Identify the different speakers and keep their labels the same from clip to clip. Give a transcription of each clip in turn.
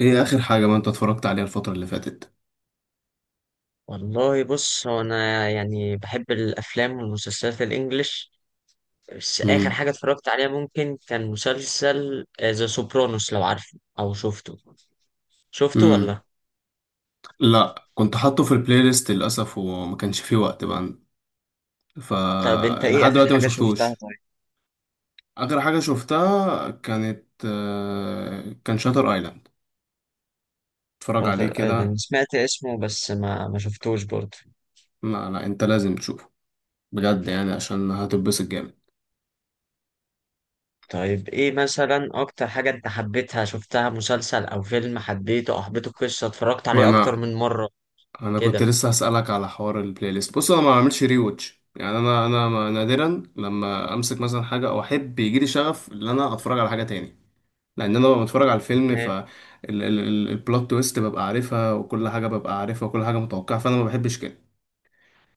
Speaker 1: ايه اخر حاجة ما انت اتفرجت عليها الفترة اللي فاتت؟
Speaker 2: والله، بص، هو انا يعني بحب الافلام والمسلسلات الانجليش. بس اخر
Speaker 1: امم.
Speaker 2: حاجه اتفرجت عليها ممكن كان مسلسل ذا سوبرانوس، لو عارفه او شفته. شفته
Speaker 1: امم.
Speaker 2: ولا؟
Speaker 1: لا، كنت حاطه في البلاي ليست للاسف وما كانش فيه وقت بقى. ف
Speaker 2: طب انت ايه
Speaker 1: لحد
Speaker 2: اخر
Speaker 1: دلوقتي ما
Speaker 2: حاجه شفتها؟
Speaker 1: شفتوش.
Speaker 2: طيب.
Speaker 1: اخر حاجة شفتها كان شاتر ايلاند. اتفرج عليه
Speaker 2: شاتر
Speaker 1: كده.
Speaker 2: ايلاند سمعت اسمه، بس ما شفتوش برضه.
Speaker 1: لا لا، انت لازم تشوفه بجد، يعني عشان هتتبسط جامد.
Speaker 2: طيب ايه مثلا اكتر حاجه انت حبيتها شفتها، مسلسل او فيلم حبيته، او حبيته قصه اتفرجت
Speaker 1: ما
Speaker 2: عليه اكتر
Speaker 1: انا
Speaker 2: من مره؟
Speaker 1: انا كنت
Speaker 2: كده.
Speaker 1: لسه هسألك على حوار البلاي ليست. بص انا ما بعملش ري واتش، يعني انا انا ما- نادرا لما امسك مثلا حاجة او احب يجيلي شغف ان انا اتفرج على حاجة تاني، لان انا ببقى بتفرج على الفيلم.
Speaker 2: ايه.
Speaker 1: البلوت تويست ببقى عارفها وكل حاجه ببقى عارفها وكل حاجه متوقعه، فانا ما بحبش كده.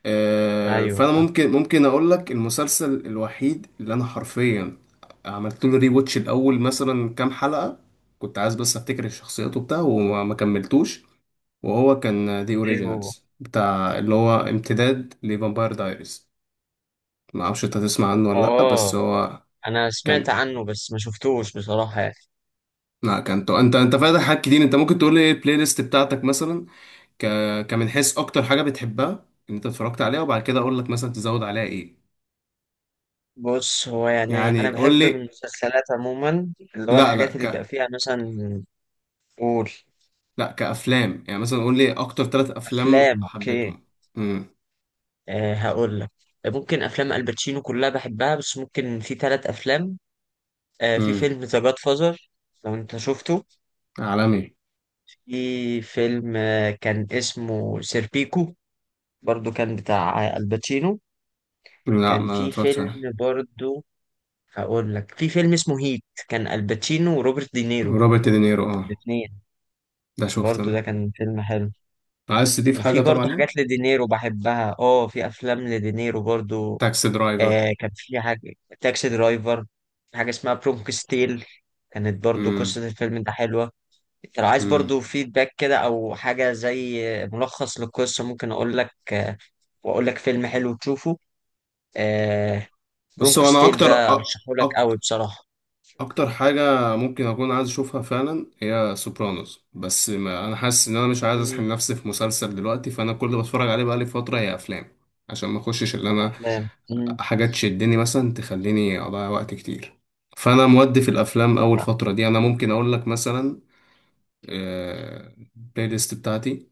Speaker 2: ايوه.
Speaker 1: فانا ممكن اقول لك المسلسل الوحيد اللي انا حرفيا عملت له ري واتش الاول مثلا كام حلقه. كنت عايز بس افتكر الشخصيات وبتاع وما ما كملتوش. وهو كان دي
Speaker 2: ايه. هو
Speaker 1: اوريجينالز بتاع، اللي هو امتداد لفامباير دايريز. ما اعرفش انت تسمع عنه ولا لا،
Speaker 2: اه.
Speaker 1: بس هو
Speaker 2: انا سمعت
Speaker 1: كان،
Speaker 2: عنه بس ما شفتوش بصراحة يعني.
Speaker 1: لا كان انت فاتح حاجات كتير. انت ممكن تقول لي ايه البلاي ليست بتاعتك مثلا؟ ك... كمن حيث اكتر حاجه بتحبها ان انت اتفرجت عليها، وبعد كده اقول لك مثلا تزود عليها ايه.
Speaker 2: بص، هو يعني انا
Speaker 1: يعني قول
Speaker 2: بحب من
Speaker 1: لي.
Speaker 2: المسلسلات عموما، اللي هو
Speaker 1: لا لا.
Speaker 2: الحاجات اللي بيبقى فيها مثلا. قول.
Speaker 1: لا، كافلام يعني، مثلا قول لي اكتر ثلاث افلام
Speaker 2: افلام، اوكي.
Speaker 1: حبيتهم. امم.
Speaker 2: أه، هقول لك. ممكن افلام الباتشينو كلها بحبها، بس ممكن في ثلاث افلام. أه، في
Speaker 1: امم.
Speaker 2: فيلم ذا جاد فازر، لو انت شفته.
Speaker 1: عالمي.
Speaker 2: في فيلم كان اسمه سيربيكو، برضو كان بتاع الباتشينو.
Speaker 1: لا،
Speaker 2: كان
Speaker 1: ما
Speaker 2: في
Speaker 1: اتفرجتش عليه.
Speaker 2: فيلم برضو، هقول لك، في فيلم اسمه هيت، كان الباتشينو وروبرت دينيرو
Speaker 1: روبرت دينيرو، اه.
Speaker 2: الاثنين.
Speaker 1: ده شفته
Speaker 2: برضو
Speaker 1: انا.
Speaker 2: ده كان فيلم حلو.
Speaker 1: عايز تضيف حاجه
Speaker 2: وفي
Speaker 1: طبعا
Speaker 2: برضو
Speaker 1: ليه.
Speaker 2: حاجات لدينيرو بحبها، اه في افلام لدينيرو برضو.
Speaker 1: تاكسي درايفر.
Speaker 2: آه، كان في حاجة تاكسي درايفر. في حاجة اسمها برومك ستيل، كانت برضو
Speaker 1: امم.
Speaker 2: قصة الفيلم ده حلوة. انت لو عايز
Speaker 1: امم.
Speaker 2: برضو فيدباك كده، او حاجة زي ملخص للقصة، ممكن اقول لك، آه، واقول لك فيلم حلو تشوفه. آه،
Speaker 1: بص
Speaker 2: برومك
Speaker 1: هو انا
Speaker 2: ستيل
Speaker 1: اكتر،
Speaker 2: ده ارشحه لك قوي بصراحة.
Speaker 1: اكتر حاجه ممكن اكون عايز اشوفها فعلا هي سوبرانوس، بس ما انا حاسس ان انا مش عايز اسحب
Speaker 2: مم،
Speaker 1: نفسي في مسلسل دلوقتي. فانا كل اللي بتفرج عليه بقالي فتره هي افلام، عشان ما اخشش اللي انا،
Speaker 2: افلام.
Speaker 1: حاجات تشدني مثلا تخليني اضيع وقت كتير. فانا مودي في الافلام اول فتره دي. انا ممكن اقول لك مثلا، البلاي ليست بتاعتي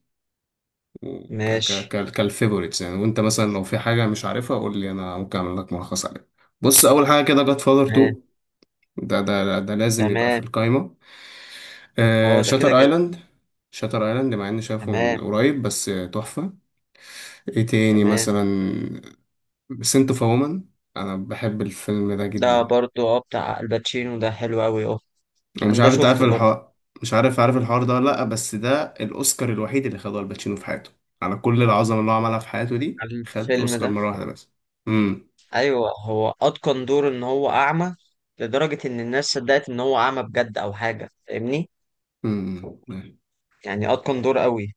Speaker 2: ماشي.
Speaker 1: كالفيفوريتس يعني، وانت مثلا لو في حاجه مش عارفها قول لي انا ممكن اعمل لك ملخص عليها. بص اول حاجه كده، جاد فاذر
Speaker 2: تمام.
Speaker 1: 2. ده لازم يبقى في
Speaker 2: تمام.
Speaker 1: القايمه.
Speaker 2: اه، ده كده
Speaker 1: شاتر
Speaker 2: كده.
Speaker 1: ايلاند. شاتر ايلاند مع اني شايفه
Speaker 2: تمام.
Speaker 1: من قريب، بس تحفة. ايه تاني
Speaker 2: تمام.
Speaker 1: مثلا؟ سنت اوف وومن. انا بحب الفيلم ده
Speaker 2: ده
Speaker 1: جدا.
Speaker 2: برضو اه بتاع الباتشينو، ده حلو قوي اه.
Speaker 1: ومش
Speaker 2: انا ده
Speaker 1: عارف انت عارف
Speaker 2: شفته برضو.
Speaker 1: الحوار، مش عارف الحوار ده ولا لا، بس ده الاوسكار الوحيد اللي خده الباتشينو في حياته. على كل العظمة اللي هو عملها في حياته دي، خد
Speaker 2: الفيلم
Speaker 1: اوسكار
Speaker 2: ده؟
Speaker 1: مرة واحدة بس. امم.
Speaker 2: ايوه، هو اتقن دور ان هو اعمى، لدرجة ان الناس صدقت ان هو اعمى بجد او حاجة، فاهمني.
Speaker 1: امم.
Speaker 2: يعني اتقن دور قوي.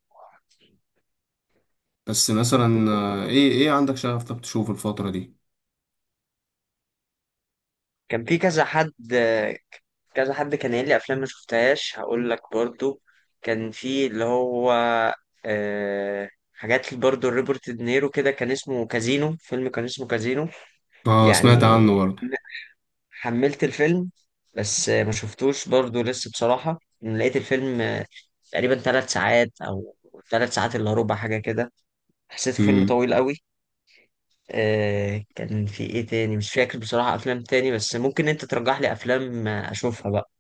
Speaker 1: بس مثلا، ايه عندك شغف طب تشوف الفترة دي؟
Speaker 2: كان في كذا حد. كذا حد كان قايل لي افلام ما شفتهاش، هقول لك برضو. كان في اللي هو، آه، حاجات برضو روبرت دينيرو كده، كان اسمه كازينو، فيلم كان اسمه كازينو
Speaker 1: اه سمعت
Speaker 2: يعني.
Speaker 1: عنه.
Speaker 2: حملت الفيلم، بس ما شفتوش برضو لسه بصراحة. لقيت الفيلم تقريبا 3 ساعات، أو 3 ساعات إلا ربع، حاجة كده. حسيت فيلم
Speaker 1: برضه.
Speaker 2: طويل قوي. آه، كان في إيه تاني مش فاكر بصراحة، أفلام تاني، بس ممكن أنت ترجح لي أفلام أشوفها بقى.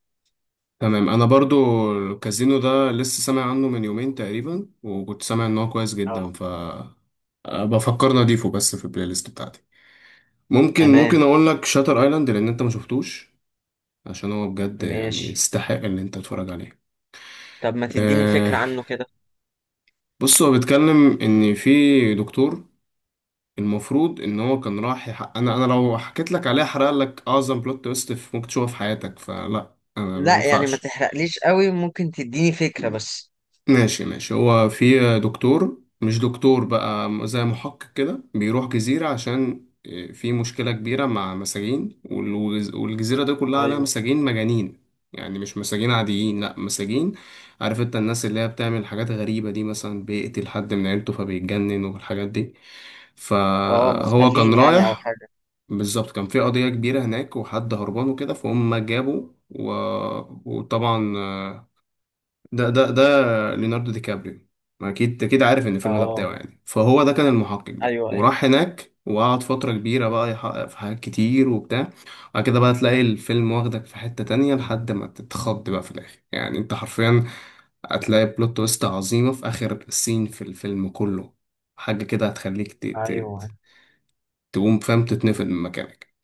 Speaker 1: تمام. انا برضو، الكازينو ده لسه سامع عنه من يومين تقريبا، وكنت سامع ان هو كويس
Speaker 2: اه.
Speaker 1: جدا. بفكر اضيفه بس في البلاي ليست بتاعتي. ممكن
Speaker 2: تمام.
Speaker 1: ممكن اقول لك شاتر ايلاند لان انت ما شفتوش، عشان هو بجد يعني
Speaker 2: ماشي.
Speaker 1: يستحق ان انت تتفرج عليه.
Speaker 2: طب ما تديني فكرة
Speaker 1: أه.
Speaker 2: عنه كده.
Speaker 1: بص هو بيتكلم ان في دكتور، المفروض ان هو كان راح يحقق. انا لو حكيت لك عليه هحرق لك اعظم بلوت تويست ممكن تشوفها في حياتك، فلا انا ما
Speaker 2: لا يعني ما
Speaker 1: ينفعش.
Speaker 2: تحرقليش قوي، ممكن تديني فكرة بس.
Speaker 1: ماشي ماشي. هو في دكتور، مش دكتور بقى، زي محقق كده، بيروح جزيرة عشان في مشكلة كبيرة مع مساجين. والجزيرة دي كلها عليها
Speaker 2: ايوه.
Speaker 1: مساجين مجانين. يعني مش مساجين عاديين، لأ مساجين، عارف انت الناس اللي هي بتعمل حاجات غريبة دي، مثلا بيقتل حد من عيلته فبيتجنن والحاجات دي.
Speaker 2: اه،
Speaker 1: فهو كان
Speaker 2: مخلين يعني أو
Speaker 1: رايح،
Speaker 2: حاجة.
Speaker 1: بالظبط كان في قضية كبيرة هناك وحد هربان وكده، فهم جابوا وطبعا، ده ده ده ليوناردو دي كابريو. ما اكيد عارف ان الفيلم ده
Speaker 2: اه.
Speaker 1: بتاعه يعني. فهو ده كان المحقق، ده
Speaker 2: ايوه ايوه
Speaker 1: وراح هناك وقعد فترة كبيرة بقى يحقق في حاجات كتير وبتاع. وبعد كده بقى تلاقي الفيلم واخدك في حتة تانية لحد ما تتخض بقى في الآخر. يعني انت حرفيا هتلاقي بلوت تويست عظيمة في آخر سين في الفيلم كله. حاجة كده هتخليك
Speaker 2: ايوه.
Speaker 1: ت- تقوم فاهم، تتنفض من مكانك.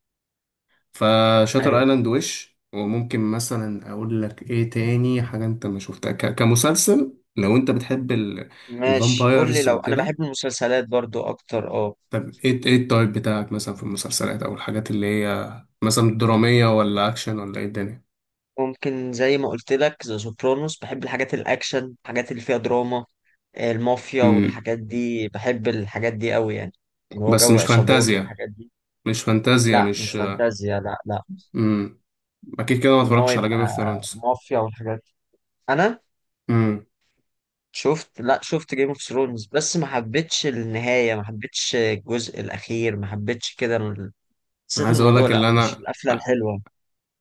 Speaker 1: فشاتر
Speaker 2: أيوة.
Speaker 1: ايلاند. وش وممكن مثلا اقول لك ايه تاني حاجه انت ما شفتها، كمسلسل، لو انت بتحب
Speaker 2: ماشي، قول لي.
Speaker 1: الفامبايرز
Speaker 2: لو انا
Speaker 1: وكده.
Speaker 2: بحب المسلسلات برضو اكتر اه.
Speaker 1: طب ايه التايب بتاعك مثلا في المسلسلات او الحاجات اللي هي مثلا دراميه ولا اكشن ولا ايه الدنيا؟
Speaker 2: ممكن زي ما قلت لك، ذا سوبرانوس، بحب الحاجات الاكشن، الحاجات اللي فيها دراما، آه، المافيا
Speaker 1: امم.
Speaker 2: والحاجات دي. بحب الحاجات دي قوي يعني، اللي هو
Speaker 1: بس
Speaker 2: جو
Speaker 1: مش
Speaker 2: عصابات
Speaker 1: فانتازيا،
Speaker 2: والحاجات دي.
Speaker 1: مش فانتازيا
Speaker 2: لا مش
Speaker 1: مش.
Speaker 2: فانتازيا، لا لا.
Speaker 1: امم. اكيد كده ما
Speaker 2: ان هو
Speaker 1: اتفرجتش على
Speaker 2: يبقى
Speaker 1: جيم اوف ثرونز.
Speaker 2: مافيا والحاجات دي. انا
Speaker 1: امم.
Speaker 2: شفت، لا شفت جيم اوف ثرونز، بس ما حبيتش النهاية، ما حبيتش الجزء الاخير، ما حبيتش كده. حسيت
Speaker 1: عايز اقول
Speaker 2: الموضوع
Speaker 1: لك
Speaker 2: لا،
Speaker 1: اللي
Speaker 2: مش
Speaker 1: انا،
Speaker 2: القفلة الحلوة.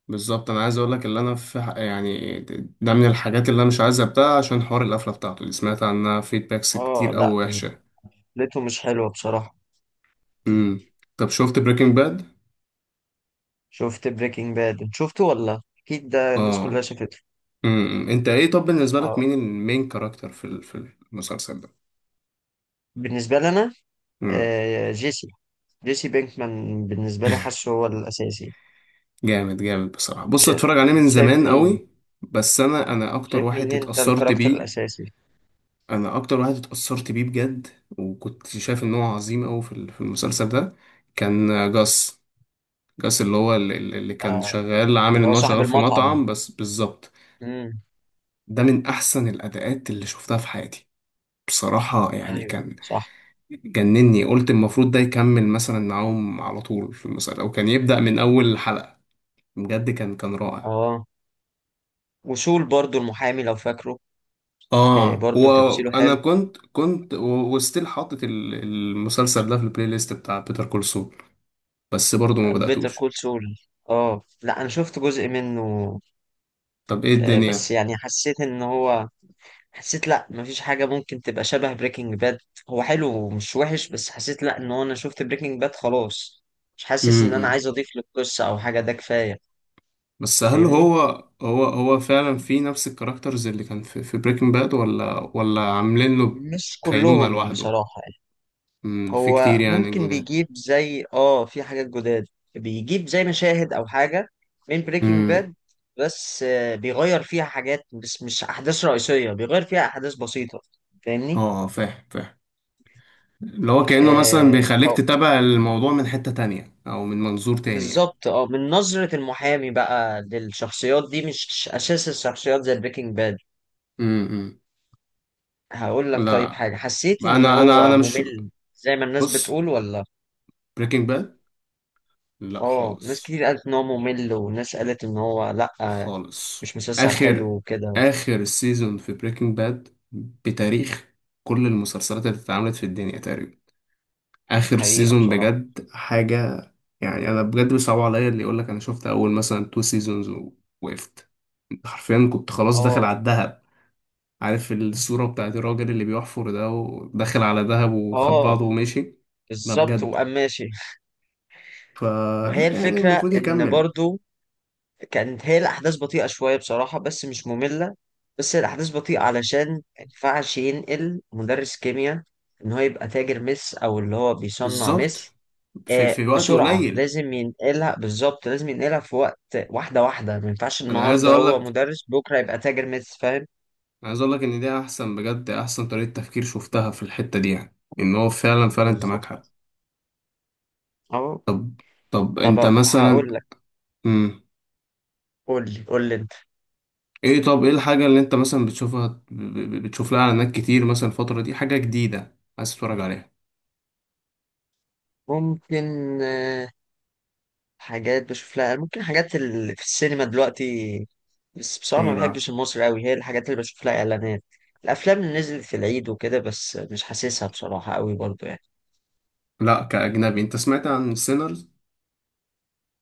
Speaker 1: بالظبط انا عايز اقول لك اللي انا يعني، ده من الحاجات اللي انا مش عايز ابدأها، عشان حوار القفله بتاعته اللي سمعت عنها فيدباكس
Speaker 2: اه
Speaker 1: كتير قوي
Speaker 2: لا،
Speaker 1: وحشه.
Speaker 2: قفلته مش حلوة بصراحة.
Speaker 1: امم. طب شفت بريكنج باد؟
Speaker 2: شفت بريكنج باد. انت شفته ولا؟ اكيد ده الناس كلها
Speaker 1: اه.
Speaker 2: شافته.
Speaker 1: امم. امم. انت ايه طب بالنسبه لك مين
Speaker 2: اه.
Speaker 1: كاركتر في المسلسل ده؟
Speaker 2: بالنسبه لي انا،
Speaker 1: امم.
Speaker 2: آه، جيسي، جيسي بينكمان بالنسبه لي، حاسه هو الاساسي.
Speaker 1: جامد جامد بصراحه. بص
Speaker 2: شا-
Speaker 1: اتفرج عليه من
Speaker 2: شايف
Speaker 1: زمان
Speaker 2: مين؟
Speaker 1: قوي، بس انا اكتر
Speaker 2: شايف مين
Speaker 1: واحد
Speaker 2: انت
Speaker 1: اتأثرت
Speaker 2: الكاركتر
Speaker 1: بيه.
Speaker 2: الاساسي؟
Speaker 1: انا اكتر واحد اتأثرت بيه بجد، وكنت شايف ان هو عظيم قوي في المسلسل ده. كان جاس. جاس اللي هو، اللي كان
Speaker 2: آه،
Speaker 1: شغال، عامل
Speaker 2: اللي هو
Speaker 1: ان هو
Speaker 2: صاحب
Speaker 1: شغال في
Speaker 2: المطعم.
Speaker 1: مطعم بس بالظبط.
Speaker 2: امم.
Speaker 1: ده من احسن الاداءات اللي شفتها في حياتي بصراحة، يعني
Speaker 2: ايوه
Speaker 1: كان
Speaker 2: صح.
Speaker 1: جنني. قلت المفروض ده يكمل مثلا معاهم على طول في المسلسل، او كان يبدأ من اول حلقة. بجد كان رائع.
Speaker 2: اه، وسول برضو المحامي، لو فاكره. آه،
Speaker 1: اه،
Speaker 2: برضو تمثيله
Speaker 1: وانا
Speaker 2: حلو.
Speaker 1: كنت وستيل حاطط المسلسل ده في البلاي ليست، بتاع بيتر كول سول. بس برضه ما
Speaker 2: بيتر
Speaker 1: بدأتوش.
Speaker 2: كول سول. اه، Better Call Saul. لا، انا شفت جزء منه.
Speaker 1: طب ايه
Speaker 2: آه، بس
Speaker 1: الدنيا؟
Speaker 2: يعني حسيت ان هو، حسيت لا، مفيش حاجة ممكن تبقى شبه بريكنج باد. هو حلو ومش وحش، بس حسيت لا ان هو، انا شفت بريكنج باد خلاص، مش حاسس ان انا عايز اضيف للقصة او حاجة، ده كفاية.
Speaker 1: بس هل
Speaker 2: فاهمني.
Speaker 1: هو، هو فعلا في نفس الكاركترز اللي كان في بريكنج باد، ولا عاملين له
Speaker 2: مش
Speaker 1: كينونة
Speaker 2: كلهم
Speaker 1: لوحده؟
Speaker 2: بصراحة يعني.
Speaker 1: في
Speaker 2: هو
Speaker 1: كتير يعني
Speaker 2: ممكن
Speaker 1: جداد.
Speaker 2: بيجيب زي اه في حاجات جداد. بيجيب زي مشاهد او حاجة من بريكنج
Speaker 1: امم.
Speaker 2: باد، بس بيغير فيها حاجات، بس مش احداث رئيسية، بيغير فيها احداث بسيطة. فاهمني.
Speaker 1: اه فاهم فاهم، اللي هو كأنه مثلا بيخليك
Speaker 2: آه
Speaker 1: تتابع الموضوع من حتة تانية او من منظور تاني يعني.
Speaker 2: بالظبط، اه من نظرة المحامي بقى للشخصيات دي، مش أساس الشخصيات زي بريكنج باد.
Speaker 1: امم.
Speaker 2: هقول لك. طيب
Speaker 1: لا،
Speaker 2: حاجة، حسيت إن
Speaker 1: انا انا
Speaker 2: هو
Speaker 1: انا مش،
Speaker 2: ممل زي ما الناس
Speaker 1: بص،
Speaker 2: بتقول ولا؟
Speaker 1: بريكنج باد، لا
Speaker 2: اه، ناس
Speaker 1: خالص،
Speaker 2: كتير قالت إن هو ممل، وناس قالت إن هو لأ،
Speaker 1: خالص.
Speaker 2: مش مسلسل
Speaker 1: اخر
Speaker 2: حلو وكده.
Speaker 1: اخر سيزون في بريكنج باد، بتاريخ كل المسلسلات اللي اتعملت في الدنيا تقريبا، اخر
Speaker 2: حقيقة
Speaker 1: سيزون
Speaker 2: بصراحة.
Speaker 1: بجد حاجه. يعني انا بجد بيصعب عليا اللي يقول لك انا شفت اول مثلا تو سيزونز ووقفت. انت حرفيا كنت خلاص داخل
Speaker 2: اه
Speaker 1: على الدهب. عارف الصوره بتاعت الراجل اللي بيحفر ده وداخل على دهب وخد
Speaker 2: اه،
Speaker 1: بعضه ومشي؟ لا
Speaker 2: بالظبط،
Speaker 1: بجد،
Speaker 2: وقام ماشي. ما هي
Speaker 1: فلا يعني
Speaker 2: الفكرة
Speaker 1: المفروض
Speaker 2: إن
Speaker 1: يكمل.
Speaker 2: برضو كانت هي الأحداث بطيئة شوية بصراحة، بس مش مملة. بس هي الأحداث بطيئة علشان ما ينفعش ينقل مدرس كيمياء إن هو يبقى تاجر مس، أو اللي هو بيصنع
Speaker 1: بالظبط،
Speaker 2: مس.
Speaker 1: في في وقت
Speaker 2: بسرعة
Speaker 1: قليل.
Speaker 2: لازم ينقلها، بالظبط لازم ينقلها في وقت. واحدة واحدة، ما ينفعش
Speaker 1: انا عايز
Speaker 2: النهاردة
Speaker 1: اقول
Speaker 2: هو
Speaker 1: لك
Speaker 2: مدرس بكرة يبقى تاجر مس، فاهم.
Speaker 1: عايز اقول لك ان دي احسن، بجد احسن طريقه تفكير شفتها في الحته دي، يعني ان هو فعلا فعلا انت معاك
Speaker 2: بالظبط.
Speaker 1: حق.
Speaker 2: أهو.
Speaker 1: طب طب انت
Speaker 2: طب
Speaker 1: مثلا.
Speaker 2: هقول لك.
Speaker 1: مم.
Speaker 2: قول لي قول لي أنت.
Speaker 1: طب ايه الحاجة اللي انت مثلا بتشوفها بتشوف لها اعلانات كتير مثلا الفترة دي، حاجة جديدة عايز تتفرج عليها؟
Speaker 2: ممكن، آه، حاجات بشوف لها، ممكن حاجات اللي في السينما دلوقتي، بس بصراحة
Speaker 1: ايه
Speaker 2: ما
Speaker 1: بقى؟
Speaker 2: بحبش المصري قوي، هي الحاجات اللي بشوف لها إعلانات، الأفلام اللي نزلت في العيد وكده، بس مش حاسسها بصراحة قوي برضو يعني.
Speaker 1: لا كأجنبي، انت سمعت عن سينرز؟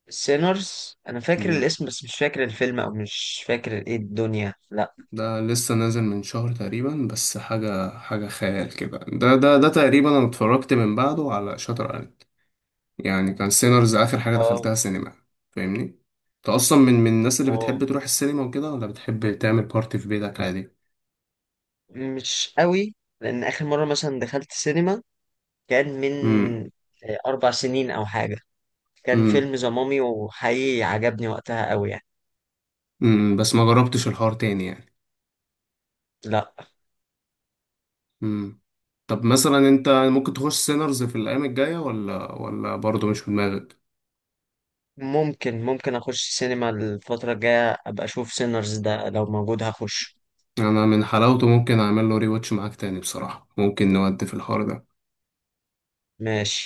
Speaker 2: سينرز أنا فاكر الاسم، بس مش فاكر الفيلم، أو مش فاكر إيه الدنيا، لأ.
Speaker 1: ده لسه نازل من شهر تقريبا، بس حاجة، حاجة خيال كده. ده تقريبا انا اتفرجت من بعده على شاتر ايلاند. يعني كان سينرز اخر حاجة
Speaker 2: اه.
Speaker 1: دخلتها سينما، فاهمني؟ انت اصلا من الناس اللي بتحب
Speaker 2: اه،
Speaker 1: تروح السينما وكده، ولا بتحب تعمل بارتي في بيتك عادي؟
Speaker 2: مش قوي. لأن آخر مرة مثلا دخلت سينما كان من،
Speaker 1: امم.
Speaker 2: 4 سنين أو حاجة. كان
Speaker 1: امم.
Speaker 2: فيلم ذا مامي، وحقيقي عجبني وقتها قوي يعني.
Speaker 1: امم. بس ما جربتش الحوار تاني يعني.
Speaker 2: لأ.
Speaker 1: مم. طب مثلا انت ممكن تخش سينرز في الايام الجايه، ولا برضه مش في دماغك؟
Speaker 2: ممكن اخش السينما الفترة الجاية، ابقى اشوف سينرز ده، لو موجود هخش.
Speaker 1: يعني انا من حلاوته ممكن اعمل له ري واتش معاك تاني بصراحه، ممكن نودي في الحوار ده.
Speaker 2: ماشي